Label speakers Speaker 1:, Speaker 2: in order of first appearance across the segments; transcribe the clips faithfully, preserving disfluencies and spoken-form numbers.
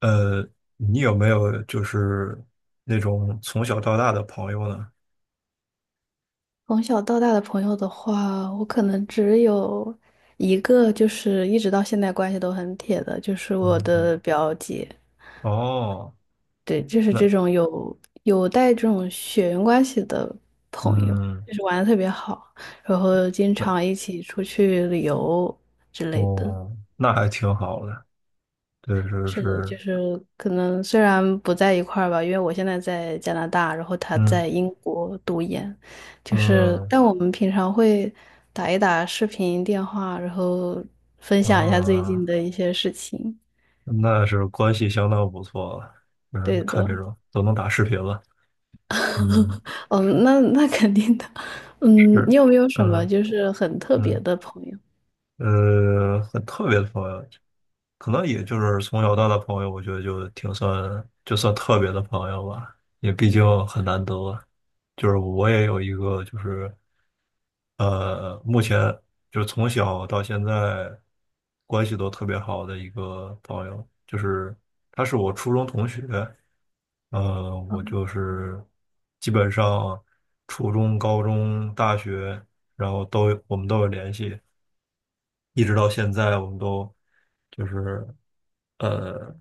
Speaker 1: 呃，你有没有就是那种从小到大的朋友呢？
Speaker 2: 从小到大的朋友的话，我可能只有一个，就是一直到现在关系都很铁的，就是我
Speaker 1: 嗯，嗯。
Speaker 2: 的表姐。
Speaker 1: 哦。
Speaker 2: 对，就是这
Speaker 1: 那。
Speaker 2: 种有有带这种血缘关系的朋友，
Speaker 1: 嗯。
Speaker 2: 就是玩的特别好，然后经
Speaker 1: 那。
Speaker 2: 常一起出去旅游之类的。
Speaker 1: 哦，那还挺好的。对，是
Speaker 2: 是的，就
Speaker 1: 是。
Speaker 2: 是可能虽然不在一块儿吧，因为我现在在加拿大，然后他
Speaker 1: 嗯。
Speaker 2: 在英国读研，就是
Speaker 1: 嗯。
Speaker 2: 但我们平常会打一打视频电话，然后分享一下最近
Speaker 1: 啊，
Speaker 2: 的一些事情。
Speaker 1: 那是关系相当不错了。嗯，
Speaker 2: 对
Speaker 1: 看
Speaker 2: 的，
Speaker 1: 这种都能打视频了。嗯。
Speaker 2: 哦，那那肯定的。嗯，
Speaker 1: 是。
Speaker 2: 你有没有什么
Speaker 1: 嗯。
Speaker 2: 就是很特别
Speaker 1: 嗯。
Speaker 2: 的朋友？
Speaker 1: 呃，很特别的朋友，可能也就是从小到大的朋友，我觉得就挺算就算特别的朋友吧，也毕竟很难得啊。就是我也有一个，就是呃，目前就是从小到现在关系都特别好的一个朋友，就是他是我初中同学。呃，我就是基本上初中、高中、大学，然后都有我们都有联系。一直到现在，我们都就是呃，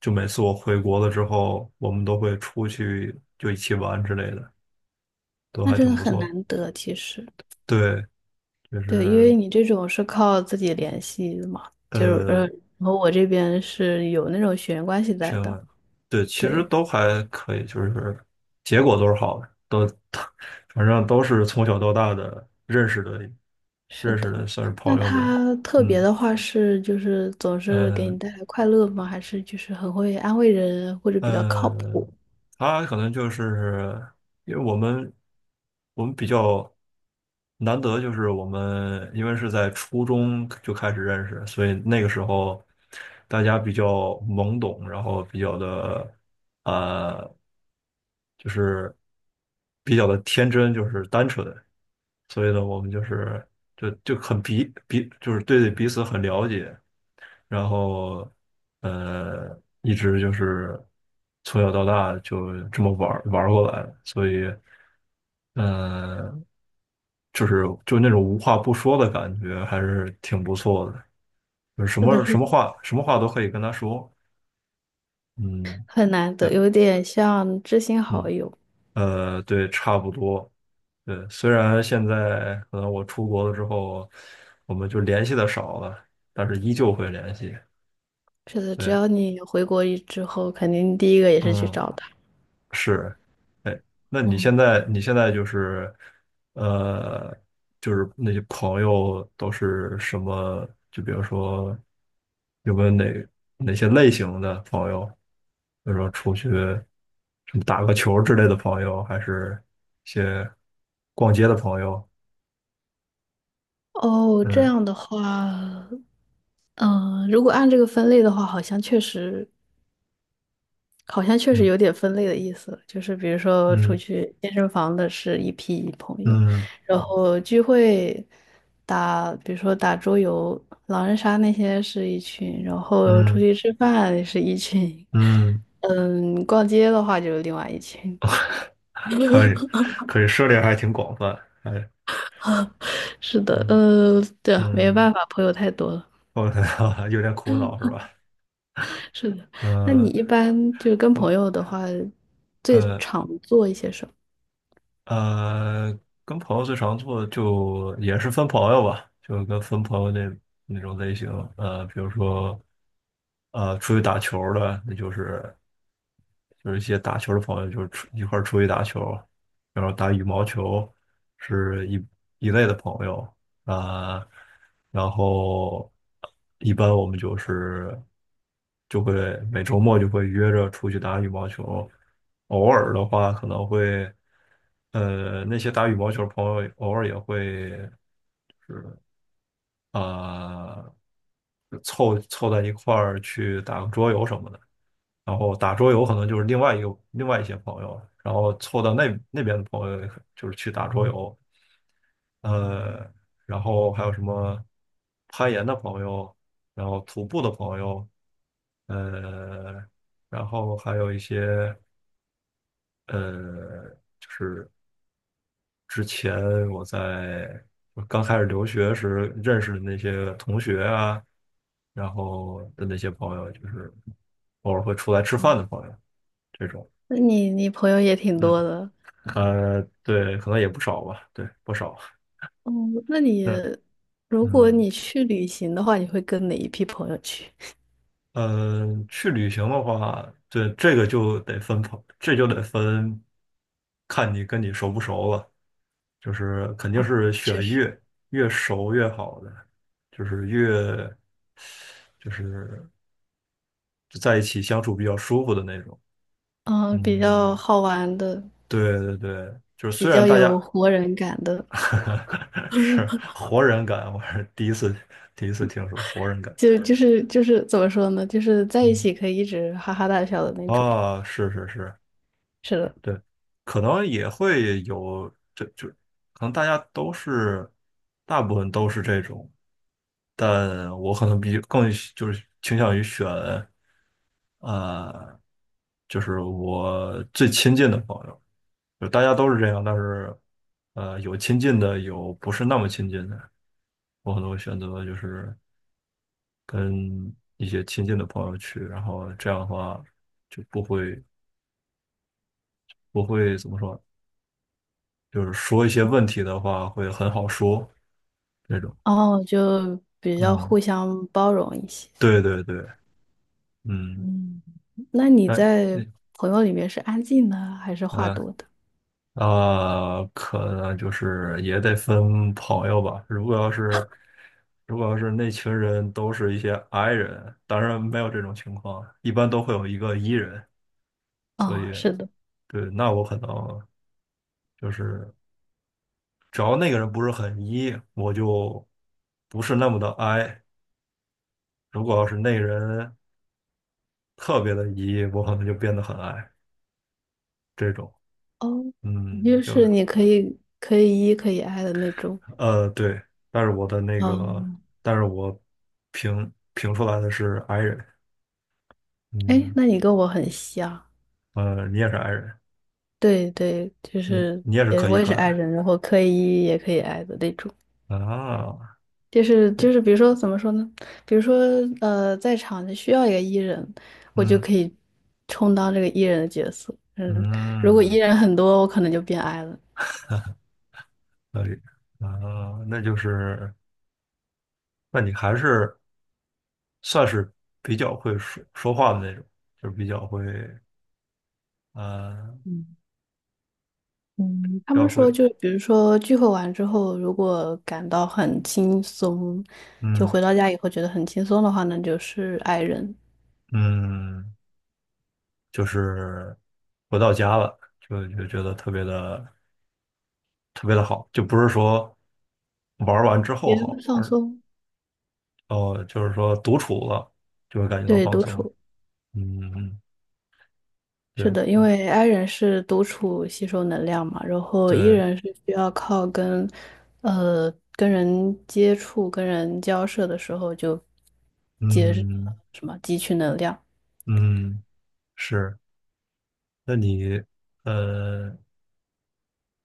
Speaker 1: 就每次我回国了之后，我们都会出去就一起玩之类的，都
Speaker 2: 那
Speaker 1: 还
Speaker 2: 真的
Speaker 1: 挺不
Speaker 2: 很
Speaker 1: 错的。
Speaker 2: 难得，其实，
Speaker 1: 对，就
Speaker 2: 对，因为
Speaker 1: 是
Speaker 2: 你这种是靠自己联系的嘛，就是呃，
Speaker 1: 呃，
Speaker 2: 和我这边是有那种血缘关系在的。
Speaker 1: 行。对，其实
Speaker 2: 对，
Speaker 1: 都还可以，就是结果都是好的，都 反正都是从小到大的认识的
Speaker 2: 是
Speaker 1: 认识的，
Speaker 2: 的。
Speaker 1: 算是
Speaker 2: 那
Speaker 1: 朋友这。
Speaker 2: 他特别
Speaker 1: 嗯。
Speaker 2: 的话是，就是总是给
Speaker 1: 呃，
Speaker 2: 你带来快乐吗？还是就是很会安慰人，或者比较靠谱？
Speaker 1: 嗯，他可能就是因为我们我们比较难得，就是我们因为是在初中就开始认识，所以那个时候大家比较懵懂，然后比较的呃，就是比较的天真，就是单纯，所以呢，我们就是就就很彼彼就是对彼此很了解，然后呃，一直就是从小到大就这么玩儿玩儿过来的，所以呃，就是就那种无话不说的感觉，还是挺不错的。就是什
Speaker 2: 是的，
Speaker 1: 么
Speaker 2: 是
Speaker 1: 什
Speaker 2: 的，
Speaker 1: 么话什么话都可以跟他说。嗯。
Speaker 2: 很难得，
Speaker 1: 对。
Speaker 2: 有点像知心好
Speaker 1: 嗯。
Speaker 2: 友。
Speaker 1: 呃，对，差不多。对，虽然现在可能我出国了之后，我们就联系的少了，但是依旧会联系。
Speaker 2: 是的，只
Speaker 1: 对。
Speaker 2: 要你回国一之后，肯定第一个也是去
Speaker 1: 嗯。
Speaker 2: 找他。
Speaker 1: 是。哎，那你
Speaker 2: 嗯，
Speaker 1: 现在你现在就是，呃，就是那些朋友都是什么？就比如说，有没有哪哪些类型的朋友？比如说出去什么打个球之类的朋友，还是一些逛街的朋友？
Speaker 2: 哦，这
Speaker 1: 嗯。
Speaker 2: 样的话，嗯、如果按这个分类的话，好像确实好像确实有
Speaker 1: 嗯。
Speaker 2: 点分类的意思了，就是比如说出
Speaker 1: 嗯。
Speaker 2: 去健身房的是一批朋友，
Speaker 1: 嗯。
Speaker 2: 然后聚会打，比如说打桌游、狼人杀那些是一群，然后出
Speaker 1: 嗯。
Speaker 2: 去吃饭是一群，
Speaker 1: 嗯。
Speaker 2: 嗯，逛街的话就是另外一群。
Speaker 1: 可以可以，涉猎还挺广泛。哎。
Speaker 2: 是的，
Speaker 1: 嗯
Speaker 2: 呃，对啊，没有
Speaker 1: 嗯。
Speaker 2: 办法，朋友太多了。
Speaker 1: 我 有点苦恼是吧？
Speaker 2: 是的，那你
Speaker 1: 呃，
Speaker 2: 一般就是跟朋
Speaker 1: 我
Speaker 2: 友的话，最
Speaker 1: 呃
Speaker 2: 常做一些什么？
Speaker 1: 呃，跟朋友最常做的就也是分朋友吧，就跟分朋友那那种类型。呃，比如说呃出去打球儿的，那就是就是一些打球的朋友，就是出一块儿出去打球。然后打羽毛球是一一类的朋友啊。呃然后一般我们就是就会每周末就会约着出去打羽毛球。偶尔的话可能会，呃，那些打羽毛球的朋友偶尔也会就是啊、呃凑凑在一块儿去打个桌游什么的。然后打桌游可能就是另外一个另外一些朋友，然后凑到那那边的朋友就是去打桌游。呃，然后还有什么攀岩的朋友，然后徒步的朋友。呃，然后还有一些呃，就是之前我在我刚开始留学时认识的那些同学啊，然后的那些朋友，就是偶尔会出来吃饭的朋友这种。
Speaker 2: 那你你朋友也挺
Speaker 1: 嗯。
Speaker 2: 多的。
Speaker 1: 呃，对，可能也不少吧。对，不少。
Speaker 2: 哦，那你
Speaker 1: 嗯。
Speaker 2: 如果
Speaker 1: 嗯。
Speaker 2: 你去旅行的话，你会跟哪一批朋友去？
Speaker 1: 嗯。呃，去旅行的话。对，这个就得分朋，这就得分，看你跟你熟不熟了，就是肯定
Speaker 2: 哦，
Speaker 1: 是
Speaker 2: 确
Speaker 1: 选
Speaker 2: 实，
Speaker 1: 越越熟越好的，就是越就是就在一起相处比较舒服的那种。
Speaker 2: 嗯，比较
Speaker 1: 嗯，
Speaker 2: 好玩的，
Speaker 1: 对对对，就是
Speaker 2: 比
Speaker 1: 虽然
Speaker 2: 较
Speaker 1: 大
Speaker 2: 有
Speaker 1: 家
Speaker 2: 活人感的，
Speaker 1: 是活人感。我是第一次第一次听说活人感。
Speaker 2: 就就是就是怎么说呢？就是在一
Speaker 1: 嗯。
Speaker 2: 起可以一直哈哈大笑的那种。
Speaker 1: 啊，是是是，
Speaker 2: 是的，
Speaker 1: 对，可能也会有，这就可能大家都是，大部分都是这种，但我可能比更喜就是倾向于选，呃，就是我最亲近的朋友。就大家都是这样，但是，呃，有亲近的，有不是那么亲近的，我可能会选择就是跟一些亲近的朋友去，然后这样的话就不会不会怎么说。就是说一些问题的话会很好说这种。
Speaker 2: 哦，就比较
Speaker 1: 嗯，
Speaker 2: 互相包容一些。
Speaker 1: 对对对。嗯。
Speaker 2: 嗯，那你
Speaker 1: 那。
Speaker 2: 在
Speaker 1: 那。
Speaker 2: 朋友里面是安静的还是话
Speaker 1: 嗯。
Speaker 2: 多的？
Speaker 1: 啊，可能就是也得分朋友吧。如果要是如果要是那群人都是一些 I 人，当然没有这种情况，一般都会有一个 E 人，所
Speaker 2: 哦，
Speaker 1: 以
Speaker 2: 是的，
Speaker 1: 对，那我可能就是只要那个人不是很 E,我就不是那么的 I。如果要是那个人特别的 E,我可能就变得很 I。这种。
Speaker 2: 哦，
Speaker 1: 嗯，
Speaker 2: 就
Speaker 1: 就
Speaker 2: 是
Speaker 1: 是
Speaker 2: 你可以可以 E 可以 I 的那种。
Speaker 1: 呃对，但是我的那个，
Speaker 2: 哦，
Speaker 1: 但是我评评出来的是 i 人。
Speaker 2: 哎，
Speaker 1: 嗯。
Speaker 2: 那你跟我很像，
Speaker 1: 呃，你也是 i 人。
Speaker 2: 对对，就
Speaker 1: 嗯，
Speaker 2: 是
Speaker 1: 你也是
Speaker 2: 也
Speaker 1: 可一
Speaker 2: 我也
Speaker 1: 可
Speaker 2: 是 i
Speaker 1: 爱
Speaker 2: 人，然后可以也可以 i 的那种，
Speaker 1: 啊。
Speaker 2: 就是就是比如说怎么说呢？比如说呃，在场需要一个 e 人，我就
Speaker 1: 嗯
Speaker 2: 可以充当这个 e 人的角色。嗯，如果 e
Speaker 1: 嗯。
Speaker 2: 人很多，我可能就变 i 了。
Speaker 1: 可以。啊，那就是那你还是算是比较会说说话的那种，就是比较会呃
Speaker 2: 嗯，
Speaker 1: 比
Speaker 2: 他们
Speaker 1: 较会，
Speaker 2: 说就比如说聚会完之后，如果感到很轻松，就
Speaker 1: 嗯
Speaker 2: 回到家以后觉得很轻松的话那就是 i 人。
Speaker 1: 嗯，就是回到家了就就觉得特别的。特别的好，就不是说玩儿完之后
Speaker 2: 别人
Speaker 1: 好，
Speaker 2: 放
Speaker 1: 而
Speaker 2: 松，
Speaker 1: 哦，就是说独处了就会感觉到
Speaker 2: 对，
Speaker 1: 放
Speaker 2: 独
Speaker 1: 松。
Speaker 2: 处。
Speaker 1: 嗯。
Speaker 2: 是
Speaker 1: 对。
Speaker 2: 的，因
Speaker 1: 嗯。
Speaker 2: 为 I 人是独处吸收能量嘛，然后 E
Speaker 1: 对。
Speaker 2: 人是需要靠跟，呃，跟人接触、跟人交涉的时候就接呃
Speaker 1: 嗯
Speaker 2: 什么汲取能量。
Speaker 1: 嗯。是。那你呃，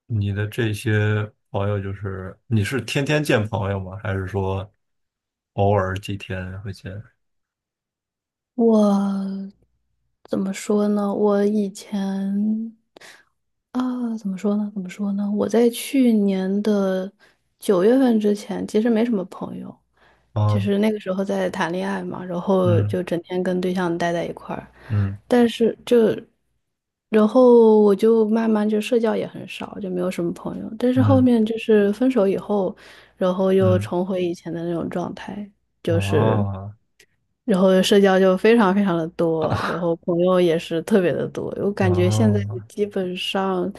Speaker 1: 你的这些朋友，就是你是天天见朋友吗？还是说偶尔几天会见？
Speaker 2: 我怎么说呢？我以前啊，怎么说呢？怎么说呢？我在去年的九月份之前，其实没什么朋友。就
Speaker 1: 啊。
Speaker 2: 是那个时候在谈恋爱嘛，然后
Speaker 1: 嗯。
Speaker 2: 就整天跟对象待在一块儿，
Speaker 1: 嗯。
Speaker 2: 但是就，然后我就慢慢就社交也很少，就没有什么朋友。但是后
Speaker 1: 嗯。
Speaker 2: 面就是分手以后，然后又
Speaker 1: 嗯。
Speaker 2: 重回以前的那种状态，就是，
Speaker 1: 啊
Speaker 2: 然后社交就非常非常的多，然
Speaker 1: 啊
Speaker 2: 后朋友也是特别的多。我感觉现在
Speaker 1: 啊。
Speaker 2: 基本上，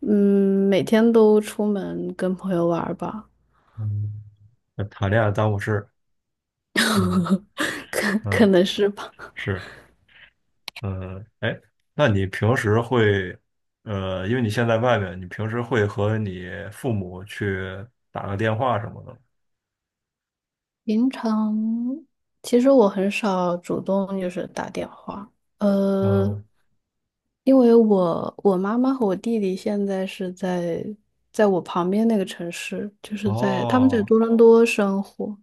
Speaker 2: 嗯，每天都出门跟朋友玩儿吧。
Speaker 1: 嗯。谈恋爱耽误事。嗯
Speaker 2: 可可
Speaker 1: 嗯。
Speaker 2: 能是吧。
Speaker 1: 是。嗯。哎，那你平时会，呃，因为你现在外面，你平时会和你父母去打个电话什么的吗？
Speaker 2: 平常其实我很少主动就是打电话，呃，
Speaker 1: 嗯。
Speaker 2: 因为我我妈妈和我弟弟现在是在在我旁边那个城市，就是在他们在
Speaker 1: 哦。
Speaker 2: 多伦多生活，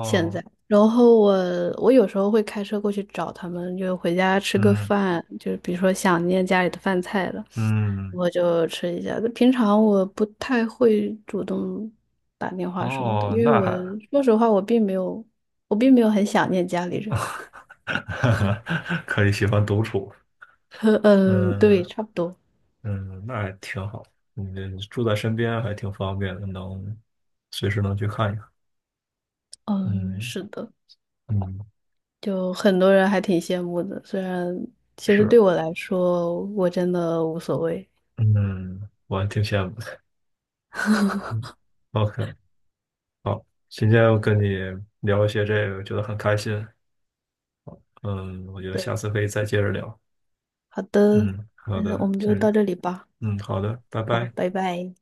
Speaker 2: 现在，然后我我有时候会开车过去找他们，就回家吃个
Speaker 1: 嗯。
Speaker 2: 饭，就是比如说想念家里的饭菜了。
Speaker 1: 嗯。
Speaker 2: 我就吃一下。平常我不太会主动打电话什么的，
Speaker 1: 哦，
Speaker 2: 因为
Speaker 1: 那
Speaker 2: 我
Speaker 1: 还
Speaker 2: 说实话，我并没有，我并没有很想念家里人。
Speaker 1: 可以，喜欢独处。
Speaker 2: 呵，嗯，对，
Speaker 1: 嗯
Speaker 2: 差不多。
Speaker 1: 嗯。那还挺好，你住在身边还挺方便的，能随时能去看一看。
Speaker 2: 嗯，
Speaker 1: 嗯
Speaker 2: 是的，
Speaker 1: 嗯。
Speaker 2: 就很多人还挺羡慕的，虽然其实
Speaker 1: 是。
Speaker 2: 对我来说，我真的无所谓。
Speaker 1: 嗯，我还挺羡慕的。嗯，OK。好，今天我跟你聊一些这个，觉得很开心。嗯，我觉得下
Speaker 2: 的，
Speaker 1: 次可以再接着聊。
Speaker 2: 好的，
Speaker 1: 嗯，好
Speaker 2: 那我
Speaker 1: 的，
Speaker 2: 们就
Speaker 1: 行，
Speaker 2: 到这里吧。
Speaker 1: 嗯，好的，拜
Speaker 2: 好，
Speaker 1: 拜。
Speaker 2: 拜拜。